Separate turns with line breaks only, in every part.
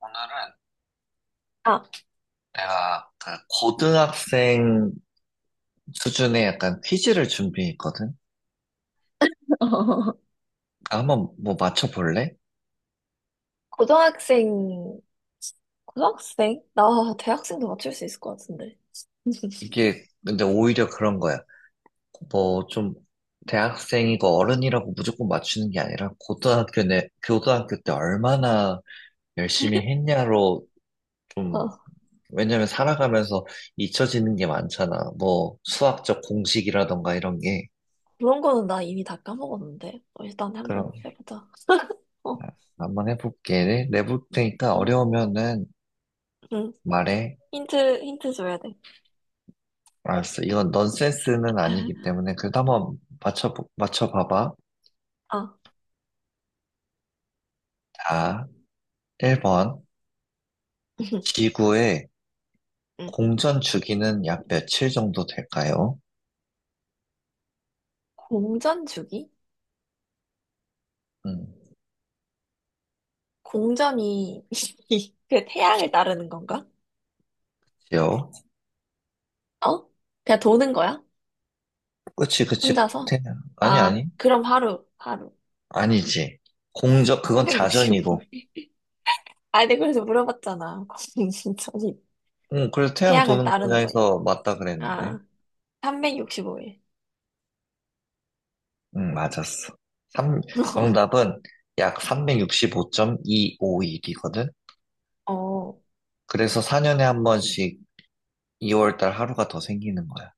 오늘은
아,
내가 그 고등학생 수준의 약간 퀴즈를 준비했거든? 아, 한번 뭐 맞춰볼래?
고등학생, 고등학생? 나 대학생도 맞출 수 있을 것 같은데.
이게 근데 오히려 그런 거야. 뭐 좀 대학생이고 어른이라고 무조건 맞추는 게 아니라 고등학교 때 얼마나 열심히 했냐로 좀,
어,
왜냐면 살아가면서 잊혀지는 게 많잖아. 뭐 수학적 공식이라던가 이런 게.
그런 거는 나 이미 다 까먹었는데. 어, 일단
그럼
한번 해보자. 어,
아, 한번 해볼게. 내볼 테니까
응,
어려우면은
응.
말해.
힌트 줘야 돼.
알았어. 이건 넌센스는 아니기 때문에 그래도 한번 맞춰봐봐.
아,
자, 1번. 지구의
응.
공전 주기는 약 며칠 정도 될까요?
공전 주기?
음,
공전이 그 태양을 따르는 건가?
지요.
어? 그냥 도는 거야?
그치, 그치. 꼭
혼자서?
태양. 아니,
아,
아니.
그럼 하루.
아니지. 공전, 그건 자전이고.
365일. 아니, 내가 그래서 물어봤잖아. 공전이
응, 그래서 태양
태양을
도는
따르는 거냐고.
거냐에서 맞다 그랬는데.
아, 365일.
응, 맞았어. 삼- 정답은 약 3 6 5 2 5오일이거든
어,
그래서 4년에 한 번씩 2월달 하루가 더 생기는 거야.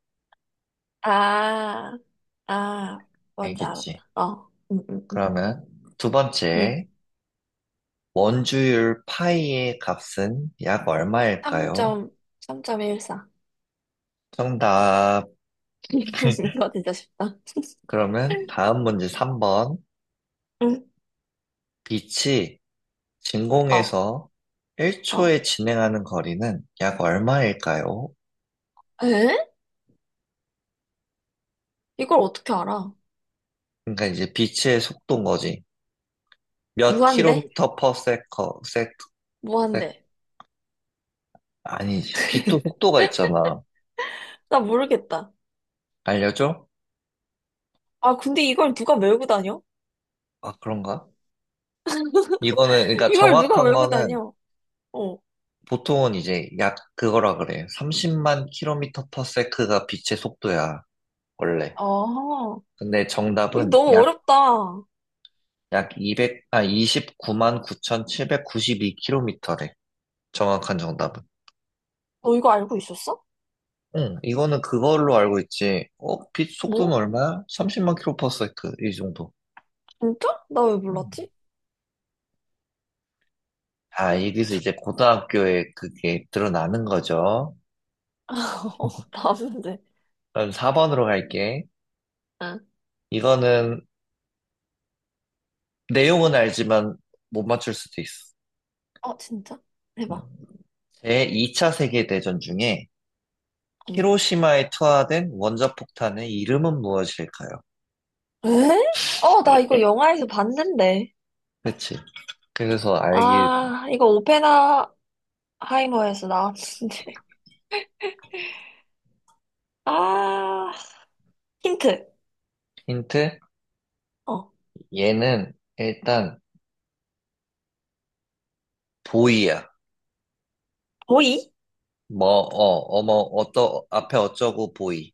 아, 아, 뭔지
알겠지?
알았다. 어, 응, 응, 응.
그러면 두
응.
번째, 원주율 파이의 값은 약 얼마일까요?
3점, 3.14.
정답.
이거 진짜 쉽다.
그러면 다음 문제 3번.
응,
빛이
어,
진공에서
어.
1초에 진행하는 거리는 약 얼마일까요?
에? 이걸 어떻게 알아?
그러니까 이제 빛의 속도인 거지. 몇
무한대?
킬로미터 퍼 세커, 세,
무한대.
아니지. 빛도 속도가 있잖아.
나 모르겠다.
알려줘?
아, 근데 이걸 누가 메고 다녀?
아, 그런가? 이거는, 그러니까
이걸 누가
정확한
메고
거는
다녀? 어,
보통은 이제 약 그거라 그래. 30만 킬로미터 퍼 세크가 빛의 속도야, 원래.
아,
근데
이게
정답은
너무
약,
어렵다. 너
약 200, 29만 9,792 킬로미터래. 정확한 정답은.
이거 알고 있었어?
응, 이거는 그걸로 알고 있지. 어, 빛 속도는
뭐?
얼마야? 30만 킬로 퍼 세크, 이 정도.
진짜? 나 왜
음.
몰랐지?
아, 여기서 이제 고등학교에 그게 드러나는 거죠.
어, 나쁜데.
그럼 4번으로 갈게.
응.
이거는 내용은 알지만 못 맞출 수도 있어.
어, 진짜?
응.
해봐.
제2차 세계대전 중에
어,
히로시마에 투하된 원자폭탄의 이름은 무엇일까요?
에? 어, 나 이거 영화에서 봤는데.
그치. 그래서 알기
아, 이거 오펜하이머에서 나왔는데. 아, 힌트.
힌트?
어,
얘는 일단 보이야.
보이?
뭐, 앞에 어쩌고 보이.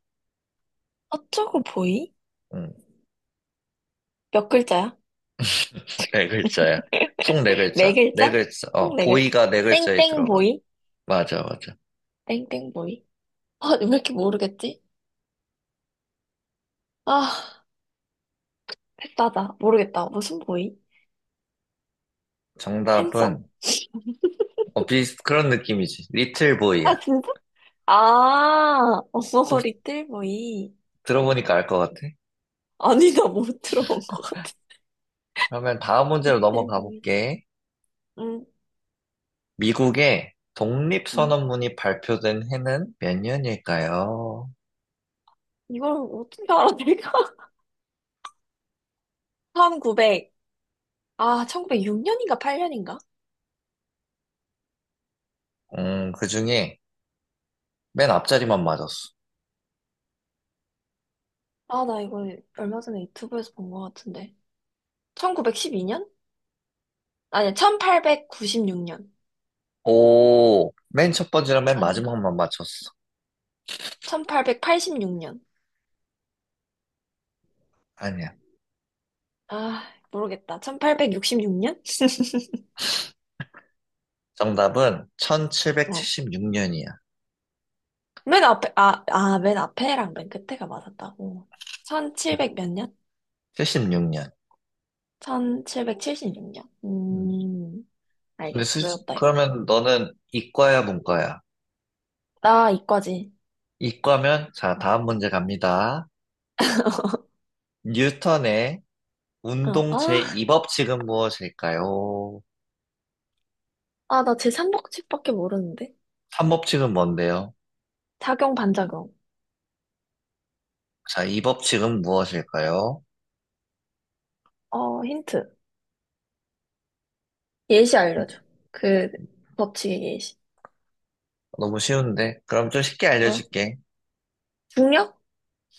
어쩌고 보이?
음.
몇 글자야?
네 글자야. 총 네
네
글자. 네
글자?
글자.
총 네 글자.
보이가 네 글자에
땡땡
들어가.
보이?
맞아, 맞아.
땡땡 보이? 아, 왜 이렇게 모르겠지? 아, 됐다다. 모르겠다. 무슨 보이? 핸섬?
정답은, 비슷, 그런 느낌이지. 리틀 보이야.
아, 진짜? 아,
또
어머 리 틀 보이.
들어보니까 알 것 같아.
아니, 나 못 들어본 것 같아.
그러면 다음 문제로 넘어가
6대1보이.
볼게.
응,
미국의
응.
독립선언문이 발표된 해는 몇 년일까요?
이걸 어떻게 알아, 내가? 1900. 아, 1906년인가 8년인가?
그 중에 맨 앞자리만 맞았어.
아, 나 이거 얼마 전에 유튜브에서 본 것 같은데. 1912년? 아니, 1896년.
오, 맨 첫 번째랑 맨
아닌가?
마지막만 맞췄어.
1886년.
아니야.
아, 모르겠다. 1866년?
정답은
어.
1776년이야.
맨 앞에, 맨 앞에랑 맨 끝에가 맞았다고. 1700 몇 년?
76년.
1776년.
근데
알겠어. 외웠다, 이거.
그러면 너는 이과야, 문과야?
나 이과지.
이과면, 자, 다음 문제 갑니다. 뉴턴의
어,
운동 제2법칙은 무엇일까요?
나 제삼법칙밖에 모르는데.
3법칙은 뭔데요?
작용, 반작용.
자, 2법칙은 무엇일까요?
어, 힌트. 예시 알려줘. 그, 법칙의 예시.
너무 쉬운데? 그럼 좀 쉽게
뭐야?
알려줄게.
중력?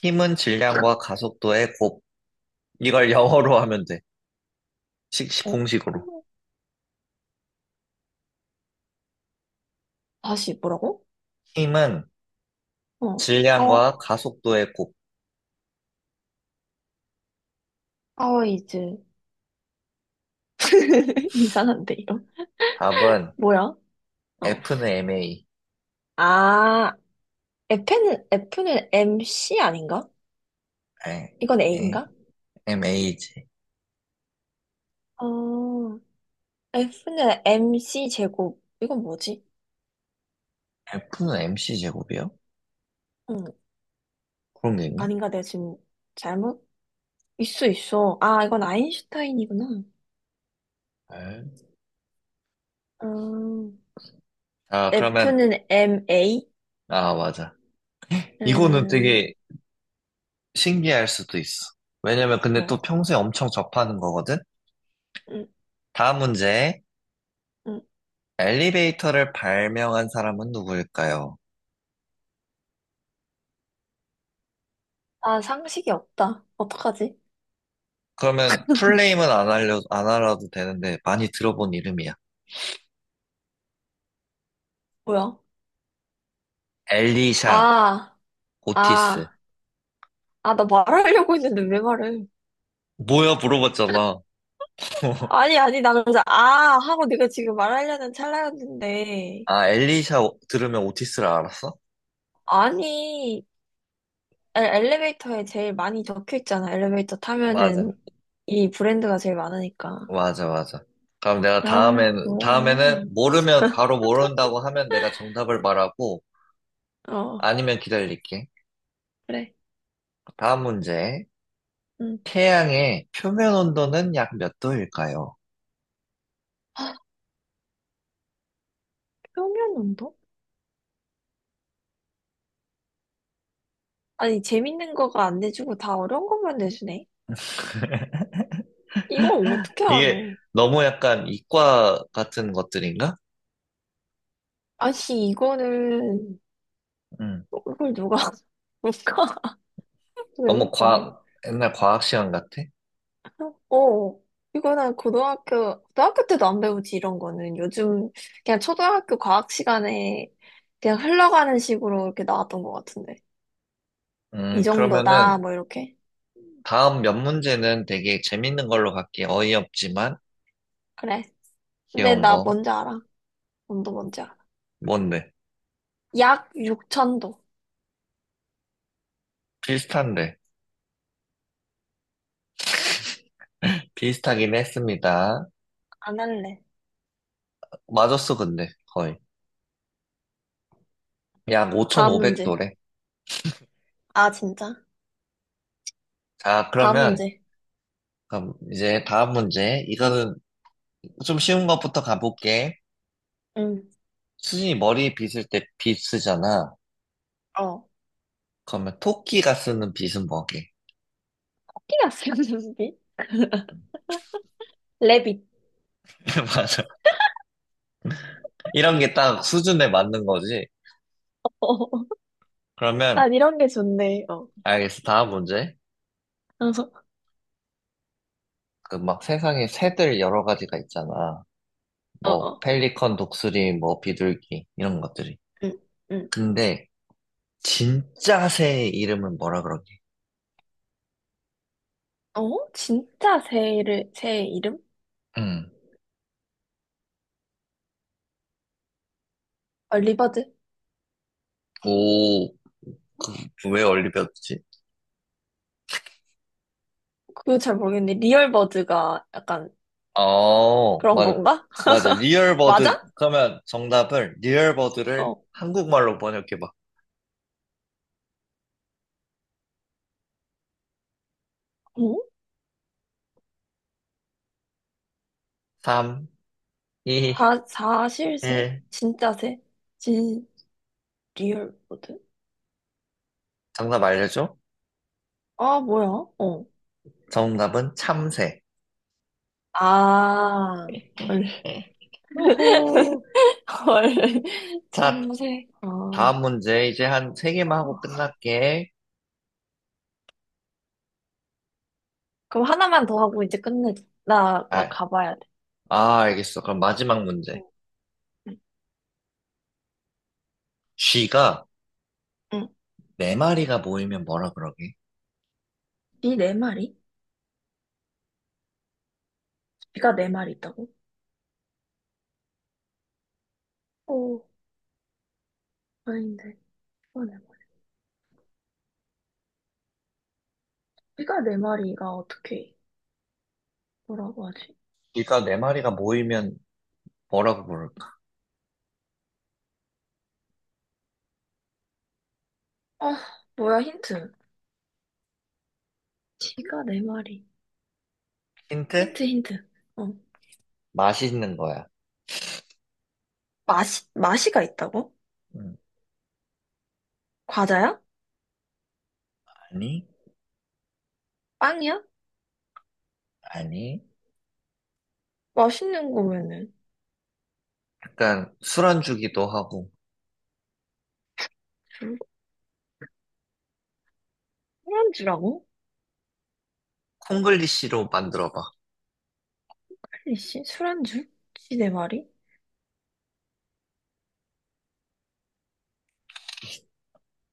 힘은 질량과 가속도의 곱. 이걸 영어로 하면 돼.
어?
공식으로.
다시, 뭐라고?
힘은
어,
질량과
파워.
가속도의 곱.
파워 이즈. 이상한데, 이거.
답은
뭐야? 어.
F는 MA.
아, F는 MC 아닌가?
에,
이건
에,
A인가?
MA지.
어, F는 MC 제곱. 이건 뭐지?
F는 MC 제곱이요?
응.
그런 게 있나?
아닌가? 내가 지금 잘못? 있어, 있어. 아, 이건 아인슈타인이구나.
에?
음,
아, 그러면,
F는 MA?
맞아. 이거는
음,
되게 신기할 수도 있어. 왜냐면 근데
뭐.
또 평소에 엄청 접하는 거거든?
음,
다음 문제.
음.
엘리베이터를 발명한 사람은 누구일까요?
아, 상식이 없다. 어떡하지?
그러면 풀네임은 안 알아도 되는데 많이 들어본 이름이야.
뭐야?
엘리샤,
아,
오티스.
아, 나 말하려고 했는데 왜 말을?
뭐야 물어봤잖아.
아니, 아니, 나 그래서 아! 하고 네가 지금 말하려는 찰나였는데.
아, 엘리샤 들으면 오티스를 알았어?
아니, 에- 엘리베이터에 제일 많이 적혀 있잖아. 엘리베이터
맞아.
타면은 이 브랜드가 제일 많으니까.
맞아, 맞아. 그럼 내가
아,
다음엔,
뭐야.
다음에는 모르면 바로 모른다고 하면 내가 정답을 말하고
어,
아니면 기다릴게.
그래.
다음 문제.
응.
태양의 표면 온도는 약 몇 도일까요?
평면 운동? 아니, 재밌는 거가 안 내주고 다 어려운 것만 내주네. 이걸 어떻게 알아?
이게 너무 약간 이과 같은 것들인가?
아니, 이거는,
응.
이걸 누가, 누가 외
너무
우 다녀?
옛날 과학 시간 같아.
어, 이거는 고등학교 때도 안 배우지, 이런 거는. 요즘, 그냥 초등학교 과학 시간에 그냥 흘러가는 식으로 이렇게 나왔던 것 같은데. 이 정도다,
그러면은
뭐 이렇게.
다음 몇 문제는 되게 재밌는 걸로 갈게. 어이없지만
그래. 근데
귀여운
나
거.
뭔지 알아. 운도 뭔지 알아.
뭔데?
약 6천도.
비슷한데. 비슷하긴 했습니다.
안 할래.
맞았어, 근데 거의. 약
다음 문제.
5,500도래.
아, 진짜?
자,
다음
그러면
문제.
그럼 이제 다음 문제. 이거는 좀 쉬운 것부터 가볼게.
응.
수진이 머리 빗을 때 빗 쓰잖아.
어.
그러면 토끼가 쓰는 빗은 뭐게?
코끼리 아스랑 비 레빗.
맞아. 이런 게 딱 수준에 맞는 거지.
어.
그러면
난 이런 게 좋네. 어.
알겠어. 다음 문제.
그래서,
그 막 세상에 새들 여러 가지가 있잖아.
어,
뭐
어.
펠리컨, 독수리, 뭐 비둘기 이런 것들이.
응, 응.
근데 진짜 새의 이름은 뭐라 그러게?
어? 진짜 새를, 새 이름?
응.
아, 리버드?
오, 왜 얼리버드지?
그거 잘 모르겠는데. 리얼버드가 약간
어,
그런
맞아.
건가?
맞아. 리얼버드.
맞아?
그러면 정답을 리얼버드를
어.
한국말로 번역해 봐.
응?
3, 2,
사실새?
1.
진짜 새? 진, 리얼버드?
정답 알려줘?
아, 뭐야? 어.
정답은 참새.
아, 헐.
예. 오호.
헐,
자,
참새. 어.
다음 문제 이제 한 세 개만 하고 끝날게.
그럼 하나만 더 하고 이제 끝내자. 나
아,
가봐야 돼.
아, 알겠어. 그럼 마지막 문제.
어, 응,
쥐가
응.
네 마리가 모이면 뭐라 그러게?
비네 마리? 비가 네 마리 있다고? 오, 아닌데. 비가 네 마리. 비가 네 마리가 어떻게, 뭐라고 하지?
쥐가 네 마리가 모이면 뭐라고 부를까?
아, 뭐야, 힌트. 비가 네 마리.
힌트?
힌트. 어.
맛있는 거야.
맛이가 있다고?
음,
과자야?
아니,
빵이야?
아니.
맛있는 거면은.
약간 술안주기도 하고.
술- 술안주라고?
콩글리시로 만들어봐.
아니씨, 술안주? 지 네 마리?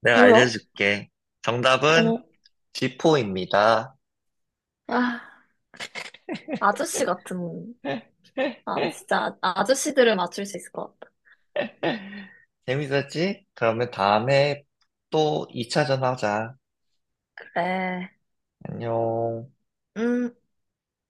내가
뭐야?
알려줄게. 정답은
어,
쥐포입니다.
아. 아저씨 같은, 아, 진짜 아- 아저씨들을 맞출 수 있을 것 같다.
재밌었지? 그러면 다음에 또 2차전 하자.
그래.
안녕.
음,